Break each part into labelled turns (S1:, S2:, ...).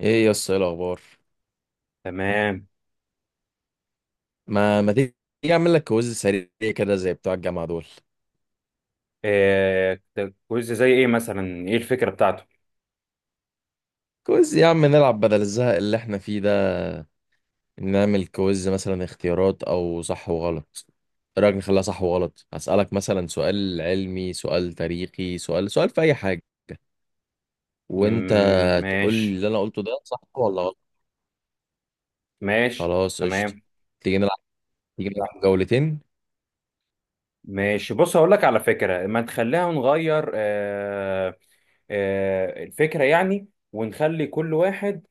S1: ايه يا اسطى، ايه الاخبار؟
S2: تمام.
S1: ما تيجي اعمل لك كويز سريع، كده زي بتوع الجامعه دول.
S2: إيه ده؟ كويز زي ايه مثلا؟ ايه الفكرة بتاعته؟
S1: كويز يا عم، نلعب بدل الزهق اللي احنا فيه ده. نعمل كويز مثلا اختيارات او صح وغلط. ايه رايك نخليها صح وغلط؟ هسالك مثلا سؤال علمي، سؤال تاريخي، سؤال في اي حاجه. وانت
S2: مم،
S1: تقول لي
S2: ماشي.
S1: اللي انا قلته ده صح ولا غلط.
S2: ماشي
S1: خلاص قشطه.
S2: تمام.
S1: تيجي نلعب تيجي نلعب جولتين.
S2: ماشي، بص هقول لك على فكرة، ما تخليها نغير. آه، الفكرة يعني، ونخلي كل واحد.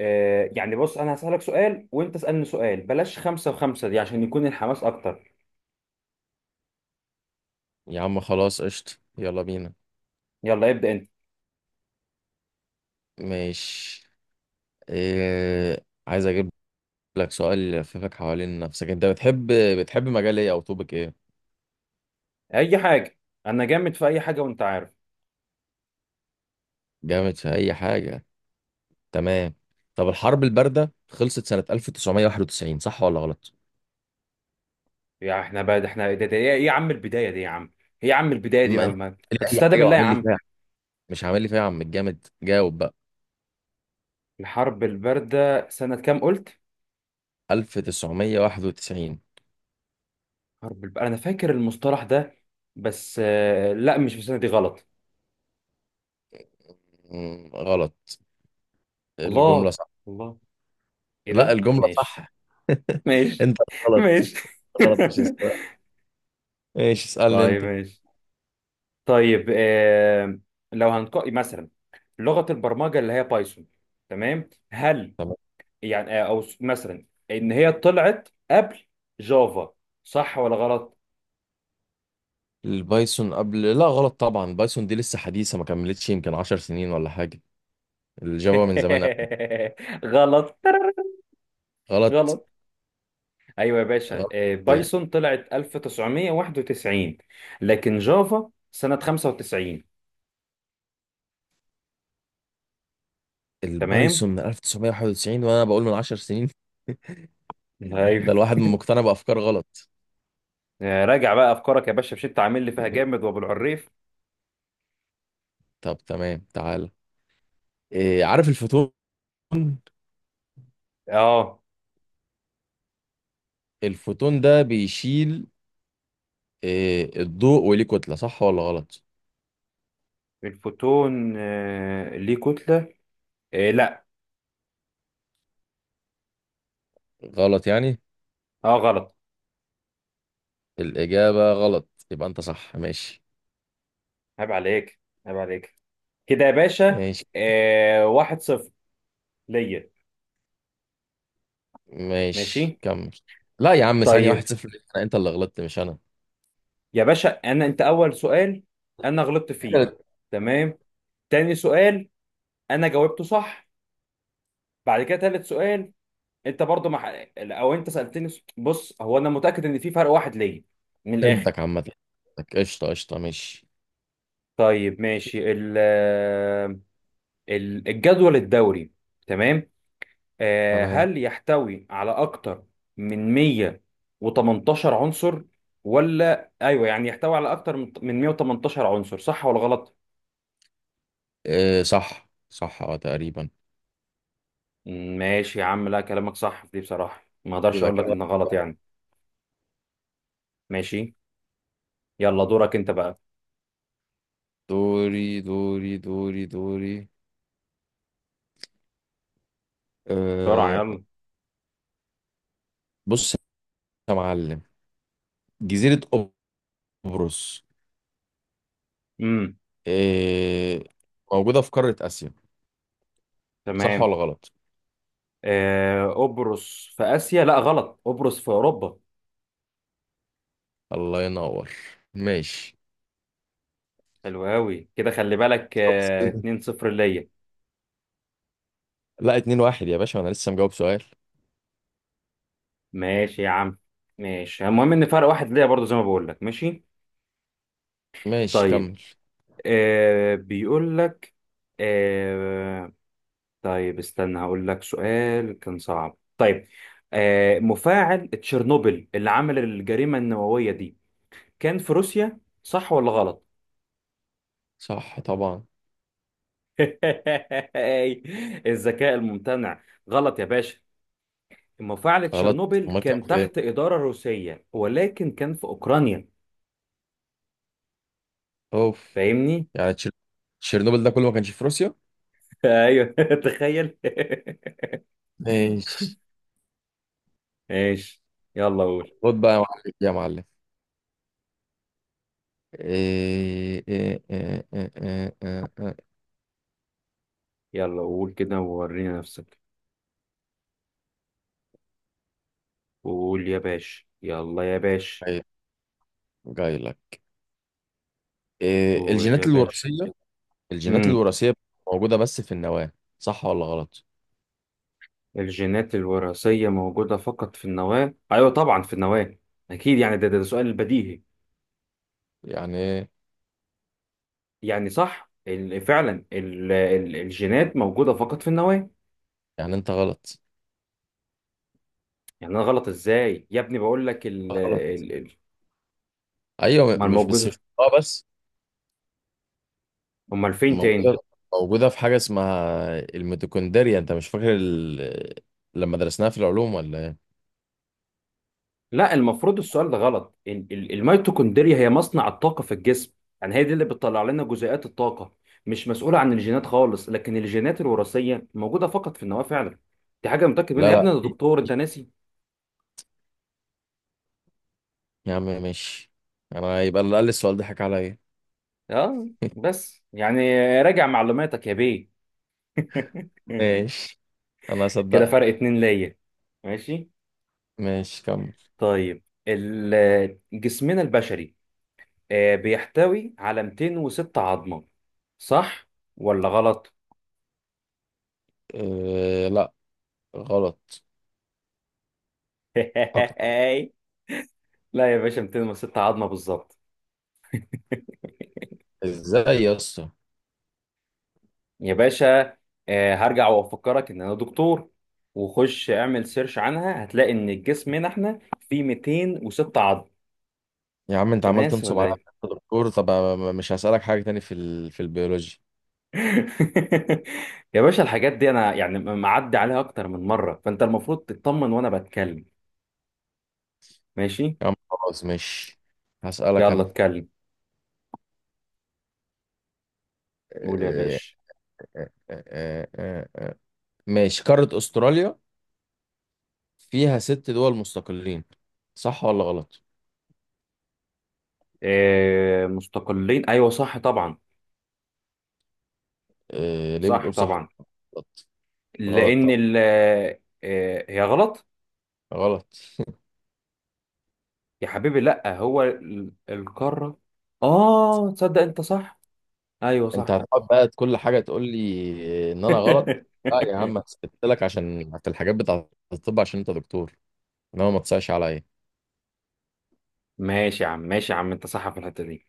S2: يعني بص، انا هسألك سؤال وانت اسألني سؤال، بلاش خمسة وخمسة دي عشان يكون الحماس اكتر.
S1: يا عم خلاص قشطه، يلا بينا.
S2: يلا ابدأ انت.
S1: ماشي. عايز اجيب لك سؤال يلففك حوالين نفسك. انت بتحب مجال ايه او توبك ايه؟
S2: اي حاجة. انا جامد في اي حاجة وانت عارف.
S1: جامد في اي حاجه، تمام. طب الحرب البارده خلصت سنه 1991، صح ولا غلط؟
S2: يا احنا بقى ده احنا ده ايه يا عم البداية دي يا عم؟ ايه يا عم البداية دي
S1: ما انت قال
S2: ما
S1: لي اي
S2: تستهدى
S1: حاجه
S2: بالله يا
S1: وعامل لي
S2: عم.
S1: فيها. مش عامل لي فيها يا عم الجامد، جاوب بقى.
S2: الحرب الباردة سنة كام قلت؟
S1: 1991.
S2: حرب الباردة أنا فاكر المصطلح ده، بس لا، مش في السنة دي، غلط.
S1: مم، غلط. الجمله
S2: الله.
S1: صح.
S2: الله. إيه
S1: لا
S2: ده؟
S1: الجمله
S2: ماشي.
S1: صح.
S2: ماشي
S1: انت غلط.
S2: ماشي.
S1: غلط مش السؤال، ايش اسالني
S2: طيب
S1: انت.
S2: ماشي. طيب، لو هنقول مثلا لغة البرمجة اللي هي بايثون، تمام، هل
S1: تمام.
S2: يعني مثلا إن هي طلعت قبل جافا، صح ولا غلط؟
S1: البايثون قبل، لا غلط طبعا. بايثون دي لسه حديثه، ما كملتش يمكن 10 سنين ولا حاجه. الجافا من زمان.
S2: غلط.
S1: غلط.
S2: غلط. ايوه يا باشا،
S1: غلط.
S2: بايثون طلعت 1991، لكن جافا سنة 95. تمام.
S1: البايثون من 1991 وانا بقول من 10 سنين.
S2: ايوه.
S1: ده الواحد مقتنع بافكار غلط.
S2: راجع بقى افكارك يا باشا، مش انت عامل لي فيها جامد وابو العريف.
S1: طب تمام تعال. إيه، عارف الفوتون؟
S2: اه
S1: الفوتون ده بيشيل إيه الضوء وليه كتلة، صح ولا غلط؟
S2: الفوتون، ليه كتلة؟ لا.
S1: غلط يعني.
S2: اه غلط.
S1: الإجابة غلط يبقى أنت صح، ماشي.
S2: عيب عليك. عيب عليك كده يا باشا.
S1: ماشي.
S2: واحد صفر ليا.
S1: ماشي
S2: ماشي.
S1: كمل. لا يا عم، ثانية واحد
S2: طيب
S1: صفر ليك. أنت اللي غلطت مش أنا.
S2: يا باشا، انا انت اول سؤال انا غلطت فيه، تمام، تاني سؤال انا جاوبته صح، بعد كده تالت سؤال انت برضو مع او انت سالتني بص، هو انا متاكد ان في فرق واحد ليا من الاخر.
S1: فهمتك، عامة فهمتك. قشطة قشطة، ماشي.
S2: طيب ماشي، الجدول الدوري، تمام،
S1: تمام.
S2: هل يحتوي على اكتر من 118 عنصر ولا ايوه، يعني يحتوي على اكتر من 118 عنصر، صح ولا غلط؟
S1: إيه، صح صح، أه تقريبا.
S2: ماشي يا عم، لا كلامك صح في دي بصراحه، ما اقدرش
S1: يبقى
S2: اقول لك
S1: كده
S2: ان غلط
S1: واحد.
S2: يعني. ماشي. يلا دورك انت بقى.
S1: دوري دوري دوري دوري.
S2: بسرعه
S1: أه.
S2: يلا.
S1: بص يا معلم، جزيرة قبرص،
S2: امم.
S1: أه، موجودة في قارة آسيا، صح
S2: تمام.
S1: ولا غلط؟
S2: قبرص في آسيا؟ لا غلط، قبرص في أوروبا.
S1: الله ينور. ماشي.
S2: حلو أوي كده، خلي بالك.
S1: بس-
S2: 2-0 ليا.
S1: لا 2-1 يا باشا، وانا لسه مجاوب سؤال.
S2: ماشي يا عم، ماشي، المهم إن فرق واحد ليا برضو زي ما بقول لك. ماشي.
S1: ماشي
S2: طيب
S1: كمل.
S2: بيقول لك، آه طيب استنى هقول لك سؤال كان صعب. طيب، مفاعل تشيرنوبل اللي عمل الجريمة النووية دي كان في روسيا، صح ولا غلط؟
S1: صح طبعا.
S2: الذكاء الممتنع. غلط يا باشا، مفاعل
S1: غلط.
S2: تشيرنوبل
S1: امال كان
S2: كان
S1: فين؟
S2: تحت إدارة روسية ولكن كان في أوكرانيا.
S1: اوف.
S2: فاهمني؟
S1: يعني تشيرنوبل ده كله ما كانش في روسيا؟
S2: أيوه. تخيل.
S1: ماشي.
S2: ماشي. يلا قول.
S1: خد بقى يا معلم يا معلم. إيه إيه إيه إيه إيه. إيه.
S2: يلا قول كده وورينا نفسك، قول يا باشا، يلا يا باشا،
S1: إيه. جاي لك. إيه
S2: قول يا
S1: الجينات
S2: باشا.
S1: الوراثية الجينات
S2: امم.
S1: الوراثية موجودة بس في النواة، صح ولا غلط؟
S2: الجينات الوراثية موجودة فقط في النواة؟ أيوه طبعا في النواة، أكيد يعني، ده سؤال بديهي،
S1: يعني إيه؟
S2: يعني صح، فعلا الجينات موجودة فقط في النواة.
S1: يعني انت غلط.
S2: يعني أنا غلط إزاي يا ابني؟ بقول لك.
S1: غلط. ايوه
S2: امال
S1: مش
S2: موجوده
S1: بس، مش اه بس.
S2: امال فين تاني؟
S1: موجودة موجودة في حاجة اسمها الميتوكوندريا. انت مش فاكر لما درسناها في العلوم ولا ايه؟
S2: لا المفروض السؤال ده غلط، الميتوكوندريا هي مصنع الطاقه في الجسم، يعني هي دي اللي بتطلع لنا جزيئات الطاقه، مش مسؤوله عن الجينات خالص، لكن الجينات الوراثيه موجوده فقط في النواه فعلا. دي حاجه متاكد
S1: لا
S2: منها يا
S1: لا
S2: ابني، انا دكتور انت ناسي.
S1: يا عم ماشي. انا يبقى اللي قال لي السؤال ده حكى عليا.
S2: اه بس يعني راجع معلوماتك يا بيه.
S1: ماشي، انا
S2: كده
S1: هصدقك.
S2: فرق اتنين ليا. ماشي.
S1: ماشي كمل.
S2: طيب جسمنا البشري بيحتوي على 206 عظمه، صح ولا غلط؟
S1: إيه لا، غلط. اكتر.
S2: لا يا باشا، 206 عظمه بالظبط.
S1: ازاي يا اسطى.
S2: يا باشا هرجع وافكرك ان انا دكتور، وخش اعمل سيرش عنها هتلاقي ان الجسم هنا احنا فيه 206 عظم،
S1: يا عم انت
S2: انت
S1: عمال
S2: ناسي
S1: تنصب
S2: ولا
S1: عليا
S2: ايه؟
S1: في الدكتور طب. مش هسألك حاجة تاني في البيولوجي.
S2: يا باشا، الحاجات دي انا يعني معدي عليها اكتر من مره، فانت المفروض تطمن وانا بتكلم. ماشي.
S1: يا عم خلاص ماشي، هسألك
S2: يلا
S1: انا.
S2: اتكلم. قول يا
S1: آه،
S2: باشا.
S1: آه، آه، آه، آه. ماشي، قارة استراليا فيها ست دول مستقلين، صح ولا غلط؟
S2: مستقلين، ايوه صح طبعا.
S1: ليه
S2: صح
S1: بتقول صح؟
S2: طبعا.
S1: غلط. غلط
S2: لان
S1: طبعا.
S2: ال... هي غلط.
S1: غلط.
S2: يا حبيبي لا، هو القارة، اه تصدق انت صح، ايوه
S1: انت
S2: صح.
S1: هتقعد بقى كل حاجة تقول لي ان انا غلط. لا يا عم، هسكت لك عشان في الحاجات بتاعة الطب عشان انت دكتور، انما ما تصعش عليا.
S2: ماشي يا عم، ماشي يا عم، انت صح في الحتة دي.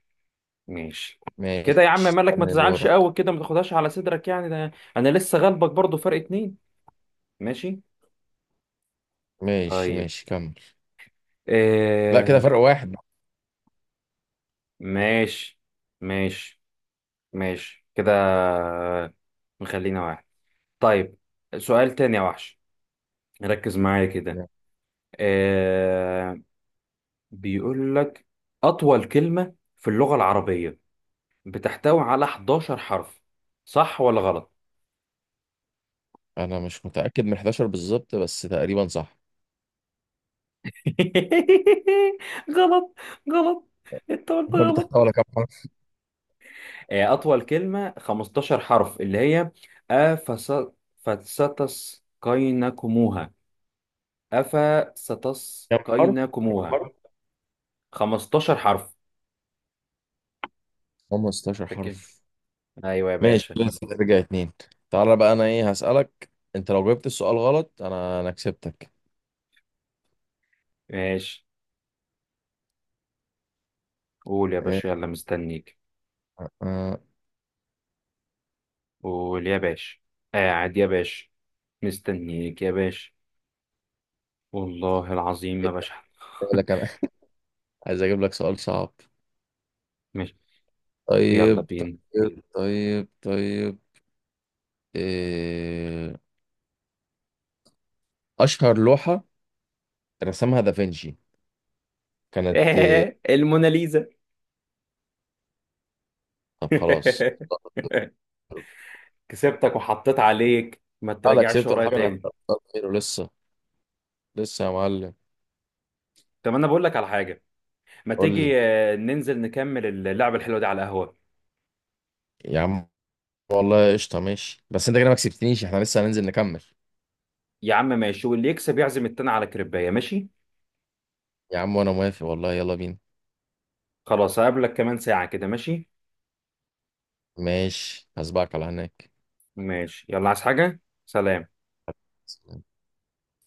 S2: ماشي. كده
S1: ماشي،
S2: يا عم مالك؟ ما
S1: استنى
S2: تزعلش
S1: دورك.
S2: قوي كده، ما تاخدهاش على صدرك يعني، ده انا لسه غلبك برضو فرق اتنين. ماشي.
S1: ماشي.
S2: طيب.
S1: ماشي كمل. لا كده
S2: آه
S1: فرق واحد.
S2: ماشي، ماشي، ماشي كده، نخلينا واحد. طيب، سؤال تاني يا وحش، ركز معايا كده. آه، بيقول لك أطول كلمة في اللغة العربية بتحتوي على 11 حرف، صح ولا غلط؟
S1: انا مش متاكد من 11 بالظبط بس تقريبا صح.
S2: غلط. غلط. انت قلت
S1: الحرف
S2: غلط.
S1: تحتوي على كام حرف؟
S2: أطول كلمة 15 حرف، اللي هي أفس فستسقينكموها،
S1: كم حرف؟ كم
S2: أفستسقينكموها.
S1: حرف؟
S2: 15 حرف،
S1: 15
S2: فاكر؟
S1: حرف.
S2: أيوة يا
S1: ماشي
S2: باشا.
S1: لسه ترجع اتنين. تعالى بقى انا ايه هسالك. انت لو جبت السؤال غلط انا كسبتك.
S2: ماشي. قول يا
S1: إيه،
S2: باشا يلا، مستنيك.
S1: آه،
S2: قول يا باشا. قاعد يا باشا. مستنيك يا باشا. والله العظيم ما بشحن.
S1: أقول لك أنا. عايز اجيب لك سؤال صعب.
S2: ماشي. يلا
S1: طيب
S2: بينا.
S1: طيب طيب طيب. إيه... اشهر لوحة رسمها دافنشي كانت إيه؟
S2: الموناليزا.
S1: طب خلاص.
S2: كسبتك وحطيت عليك، ما
S1: انا
S2: تراجعش
S1: كسبت
S2: ورايا
S1: الحاجة، انا
S2: تاني.
S1: هختار. خير ولسه. لسه يا معلم.
S2: طب انا بقول لك على حاجه، ما
S1: قول لي
S2: تيجي ننزل نكمل اللعبه الحلوه دي على القهوه؟
S1: يا عم، والله قشطة ماشي. بس انت كده ما كسبتنيش، احنا لسه هننزل نكمل.
S2: يا عم ماشي، واللي يكسب يعزم التاني على كريبايه، ماشي.
S1: يا عم وانا موافق والله، يلا بينا.
S2: خلاص، هقابلك كمان ساعه كده، ماشي.
S1: ماشي، هسبقك على هناك.
S2: ماشي، يلا، عايز حاجه؟ سلام.